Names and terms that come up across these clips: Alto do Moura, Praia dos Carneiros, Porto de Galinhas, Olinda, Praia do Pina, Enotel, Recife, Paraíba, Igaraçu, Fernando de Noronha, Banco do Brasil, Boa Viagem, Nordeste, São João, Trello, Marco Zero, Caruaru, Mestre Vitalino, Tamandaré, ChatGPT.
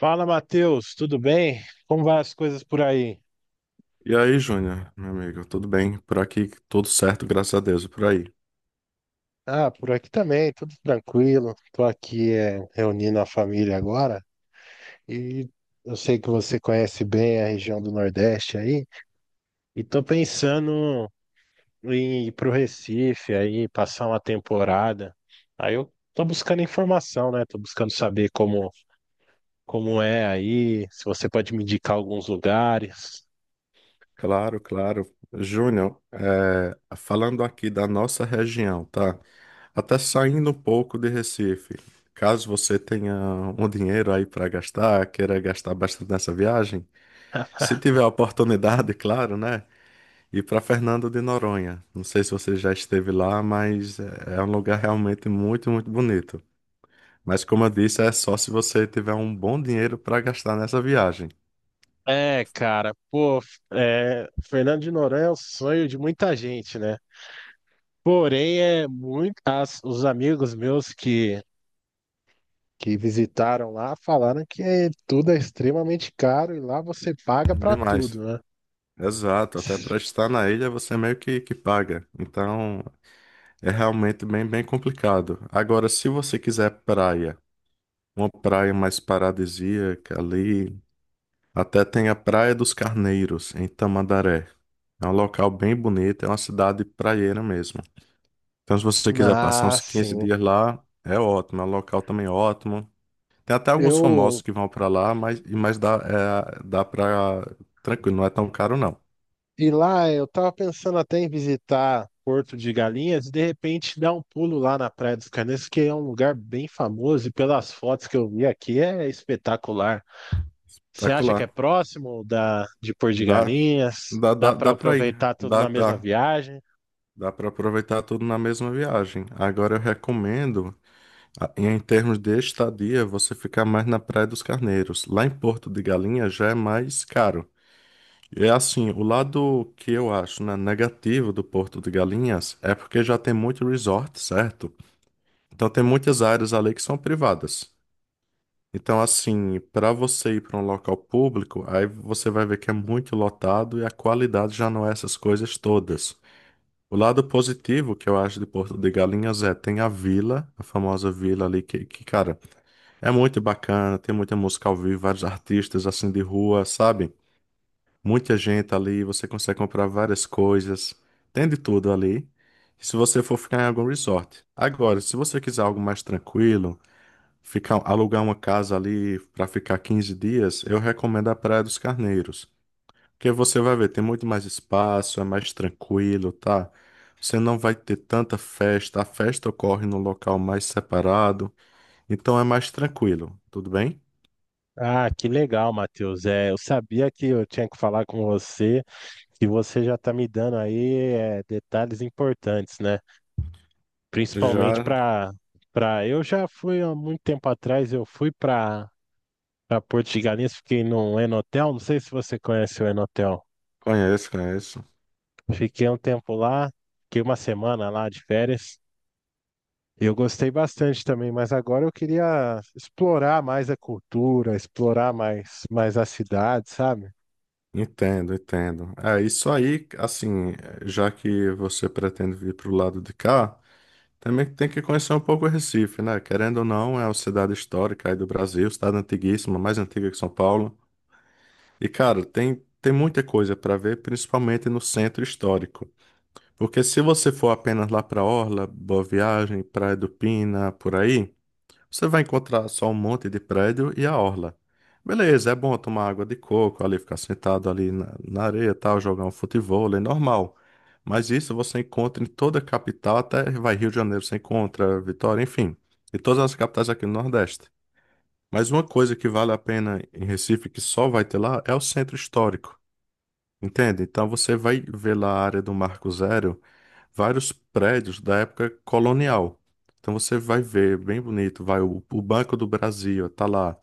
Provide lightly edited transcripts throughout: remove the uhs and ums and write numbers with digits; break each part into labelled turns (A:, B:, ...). A: Fala, Matheus, tudo bem? Como vai as coisas por aí?
B: E aí, Júnior, meu amigo, tudo bem? Por aqui, tudo certo, graças a Deus, e por aí.
A: Ah, por aqui também, tudo tranquilo. Tô aqui reunindo a família agora e eu sei que você conhece bem a região do Nordeste aí e tô pensando em ir pro Recife aí, passar uma temporada. Aí eu tô buscando informação, né? Tô buscando saber como é aí, se você pode me indicar alguns lugares.
B: Claro, claro. Júnior, falando aqui da nossa região, tá? Até saindo um pouco de Recife. Caso você tenha um dinheiro aí para gastar, queira gastar bastante nessa viagem, se tiver a oportunidade, claro, né? Ir para Fernando de Noronha. Não sei se você já esteve lá, mas é um lugar realmente muito, muito bonito. Mas como eu disse, é só se você tiver um bom dinheiro para gastar nessa viagem.
A: É, cara, pô, é, Fernando de Noronha é o sonho de muita gente, né? Porém, é muito, os amigos meus que visitaram lá falaram que tudo é extremamente caro e lá você paga pra
B: Demais.
A: tudo, né?
B: Exato, até para estar na ilha você meio que paga. Então é realmente bem, bem complicado. Agora, se você quiser praia, uma praia mais paradisíaca ali, até tem a Praia dos Carneiros, em Tamandaré. É um local bem bonito, é uma cidade praieira mesmo. Então, se você quiser passar
A: Ah,
B: uns 15
A: sim.
B: dias lá, é ótimo, é um local também ótimo. Tem até alguns famosos
A: Eu,
B: que vão pra lá, mas, mas dá, é, dá pra. Tranquilo, não é tão caro não.
A: e lá eu tava pensando até em visitar Porto de Galinhas e de repente dar um pulo lá na Praia dos Carneiros, que é um lugar bem famoso e pelas fotos que eu vi aqui é espetacular. Você acha
B: Tranquilo
A: que é
B: lá.
A: próximo da de Porto de
B: Dá,
A: Galinhas?
B: dá,
A: Dá
B: dá,
A: para
B: dá pra ir.
A: aproveitar tudo
B: Dá,
A: na mesma
B: dá.
A: viagem?
B: Dá pra aproveitar tudo na mesma viagem. Agora eu recomendo, em termos de estadia, você ficar mais na Praia dos Carneiros. Lá em Porto de Galinhas já é mais caro. É assim, o lado que eu acho, né, negativo do Porto de Galinhas é porque já tem muito resort, certo? Então tem muitas áreas ali que são privadas. Então, assim, para você ir para um local público, aí você vai ver que é muito lotado e a qualidade já não é essas coisas todas. O lado positivo que eu acho de Porto de Galinhas é tem a vila, a famosa vila ali cara, é muito bacana, tem muita música ao vivo, vários artistas assim de rua, sabe? Muita gente ali, você consegue comprar várias coisas, tem de tudo ali. Se você for ficar em algum resort. Agora, se você quiser algo mais tranquilo, ficar, alugar uma casa ali para ficar 15 dias, eu recomendo a Praia dos Carneiros. Porque você vai ver, tem muito mais espaço, é mais tranquilo, tá? Você não vai ter tanta festa, a festa ocorre num local mais separado, então é mais tranquilo, tudo bem?
A: Ah, que legal, Matheus. É, eu sabia que eu tinha que falar com você, que você já está me dando aí é, detalhes importantes, né? Principalmente
B: Já
A: para eu já fui há muito tempo atrás, eu fui para Porto de Galinhas, fiquei num Enotel, não sei se você conhece o Enotel.
B: conheço, conheço.
A: Fiquei um tempo lá, fiquei uma semana lá de férias. Eu gostei bastante também, mas agora eu queria explorar mais a cultura, explorar mais, mais a cidade, sabe?
B: Entendo, entendo. É isso aí, assim, já que você pretende vir pro lado de cá. Também tem que conhecer um pouco o Recife, né? Querendo ou não, é uma cidade histórica aí do Brasil, cidade antiguíssima, mais antiga que São Paulo. E, cara, tem muita coisa para ver, principalmente no centro histórico. Porque se você for apenas lá para Orla, Boa Viagem, Praia do Pina, por aí, você vai encontrar só um monte de prédio e a orla. Beleza, é bom tomar água de coco ali, ficar sentado ali na areia e tal, jogar um futebol, é normal. Mas isso você encontra em toda a capital, até vai Rio de Janeiro, você encontra Vitória, enfim, em todas as capitais aqui no Nordeste. Mas uma coisa que vale a pena em Recife, que só vai ter lá, é o centro histórico, entende? Então você vai ver lá a área do Marco Zero, vários prédios da época colonial. Então você vai ver, bem bonito, vai o Banco do Brasil, tá lá.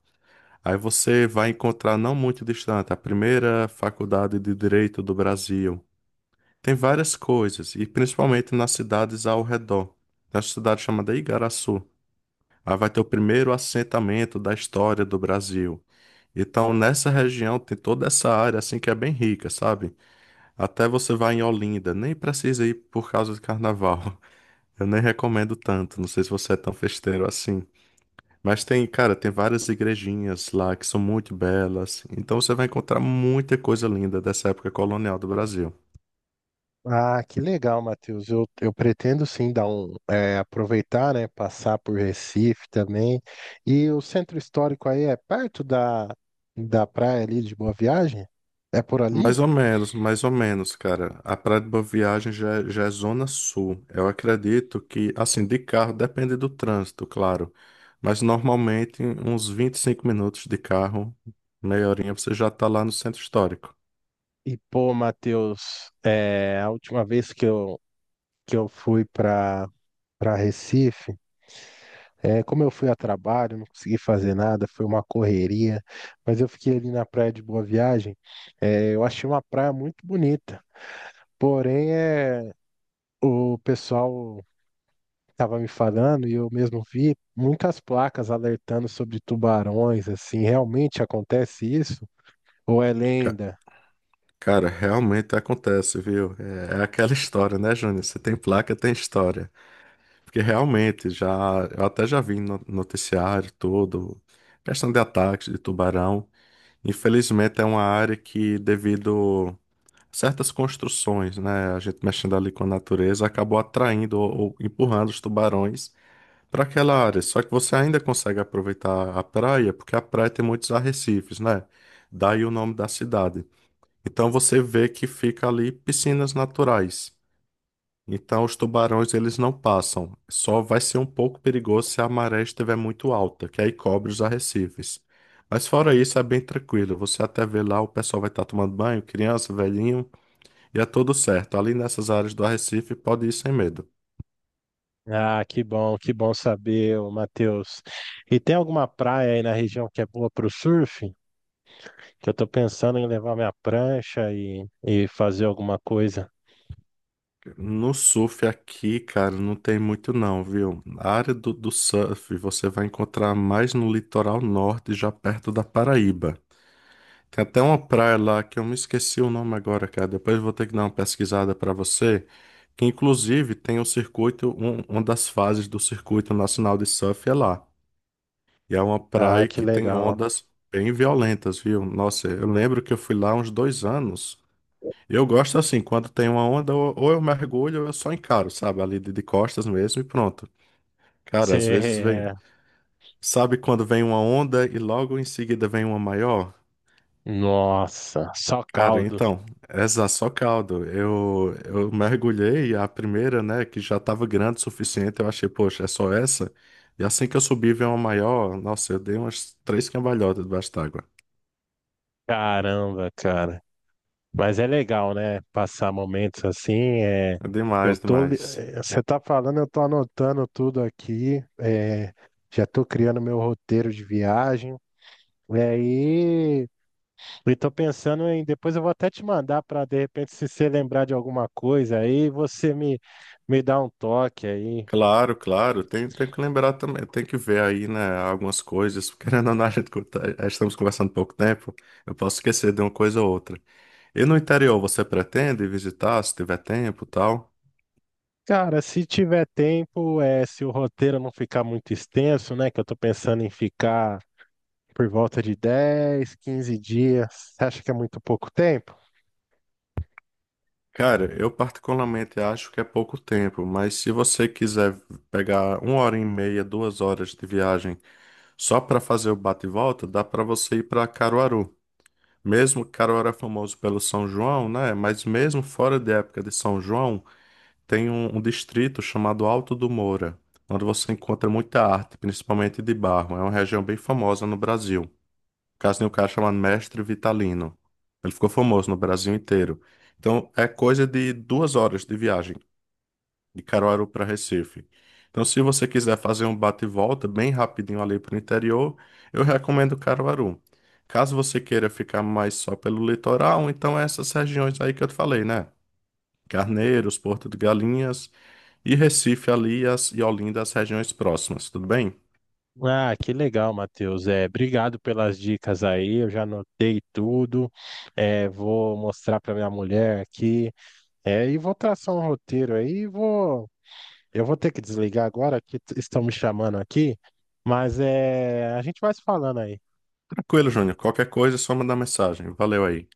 B: Aí você vai encontrar não muito distante a primeira faculdade de Direito do Brasil. Tem várias coisas, e principalmente nas cidades ao redor. Na cidade chamada Igaraçu. Aí vai ter o primeiro assentamento da história do Brasil. Então, nessa região tem toda essa área assim que é bem rica, sabe? Até você vai em Olinda, nem precisa ir por causa de carnaval. Eu nem recomendo tanto, não sei se você é tão festeiro assim. Mas tem, cara, tem várias igrejinhas lá que são muito belas. Então você vai encontrar muita coisa linda dessa época colonial do Brasil.
A: Ah, que legal, Matheus. Eu pretendo sim dar um, é, aproveitar, né? Passar por Recife também. E o centro histórico aí é perto da praia ali de Boa Viagem? É por ali?
B: Mais ou menos, cara. A Praia de Boa Viagem já, já é zona sul. Eu acredito que, assim, de carro depende do trânsito, claro. Mas normalmente uns 25 minutos de carro, meia horinha, você já tá lá no centro histórico.
A: E pô, Matheus, é, a última vez que eu fui para Recife. É, como eu fui a trabalho, não consegui fazer nada, foi uma correria, mas eu fiquei ali na praia de Boa Viagem. É, eu achei uma praia muito bonita, porém é, o pessoal estava me falando e eu mesmo vi muitas placas alertando sobre tubarões, assim, realmente acontece isso? Ou é lenda?
B: Cara, realmente acontece, viu? É, é aquela história, né, Júnior? Você tem placa, tem história. Porque realmente, já, eu até já vi no noticiário todo, questão de ataques de tubarão. Infelizmente, é uma área que, devido a certas construções, né, a gente mexendo ali com a natureza, acabou atraindo ou empurrando os tubarões para aquela área. Só que você ainda consegue aproveitar a praia, porque a praia tem muitos arrecifes, né? Daí o nome da cidade. Então você vê que fica ali piscinas naturais. Então os tubarões eles não passam. Só vai ser um pouco perigoso se a maré estiver muito alta, que aí cobre os arrecifes. Mas fora isso é bem tranquilo. Você até vê lá o pessoal vai estar tomando banho, criança, velhinho, e é tudo certo. Ali nessas áreas do arrecife pode ir sem medo.
A: Ah, que bom saber, ô, Matheus. E tem alguma praia aí na região que é boa para o surf? Que eu tô pensando em levar minha prancha e fazer alguma coisa.
B: No surf aqui, cara, não tem muito não, viu? A área do surf você vai encontrar mais no litoral norte, já perto da Paraíba. Tem até uma praia lá que eu me esqueci o nome agora, cara. Depois eu vou ter que dar uma pesquisada pra você. Que inclusive tem o circuito, uma das fases do Circuito Nacional de Surf é lá. E é uma
A: Ah,
B: praia
A: que
B: que tem
A: legal.
B: ondas bem violentas, viu? Nossa, eu lembro que eu fui lá há uns 2 anos. Eu gosto assim, quando tem uma onda, ou eu mergulho ou eu só encaro, sabe? Ali de costas mesmo e pronto. Cara,
A: Você
B: às vezes vem.
A: é.
B: Sabe quando vem uma onda e logo em seguida vem uma maior?
A: Nossa, só
B: Cara,
A: caldo.
B: então, essa só caldo. Eu mergulhei a primeira, né, que já tava grande o suficiente. Eu achei, poxa, é só essa? E assim que eu subi, veio uma maior. Nossa, eu dei umas três cambalhotas debaixo d'água.
A: Caramba, cara. Mas é legal, né? Passar momentos assim. É...
B: É
A: Eu
B: demais,
A: tô.
B: demais.
A: Você tá falando, eu tô anotando tudo aqui. É, já tô criando meu roteiro de viagem. E aí. E tô pensando em. Depois eu vou até te mandar para de repente, se você lembrar de alguma coisa aí, me dá um toque aí.
B: Claro, claro. Tem que lembrar também. Tem que ver aí, né, algumas coisas. Porque querendo ou não, a gente, estamos conversando pouco tempo. Eu posso esquecer de uma coisa ou outra. E no interior, você pretende visitar, se tiver tempo e tal?
A: Cara, se tiver tempo, é, se o roteiro não ficar muito extenso, né? Que eu tô pensando em ficar por volta de 10, 15 dias. Você acha que é muito pouco tempo?
B: Cara, eu particularmente acho que é pouco tempo, mas se você quiser pegar uma hora e meia, 2 horas de viagem só para fazer o bate e volta, dá para você ir para Caruaru. Mesmo Caruaru é famoso pelo São João, né? Mas mesmo fora da época de São João, tem um distrito chamado Alto do Moura, onde você encontra muita arte, principalmente de barro. É uma região bem famosa no Brasil caso tem um cara chamado Mestre Vitalino. Ele ficou famoso no Brasil inteiro. Então, é coisa de 2 horas de viagem de Caruaru para Recife. Então, se você quiser fazer um bate e volta bem rapidinho ali para o interior, eu recomendo Caruaru. Caso você queira ficar mais só pelo litoral, então é essas regiões aí que eu te falei, né? Carneiros, Porto de Galinhas e Recife ali as, e Olinda, as regiões próximas, tudo bem?
A: Ah, que legal, Matheus. É, obrigado pelas dicas aí. Eu já anotei tudo. É, vou mostrar para minha mulher aqui. É, e vou traçar um roteiro aí. E vou, eu vou ter que desligar agora estão me chamando aqui. Mas é, a gente vai se falando aí.
B: Tranquilo, Júnior. Qualquer coisa, é só mandar mensagem. Valeu aí.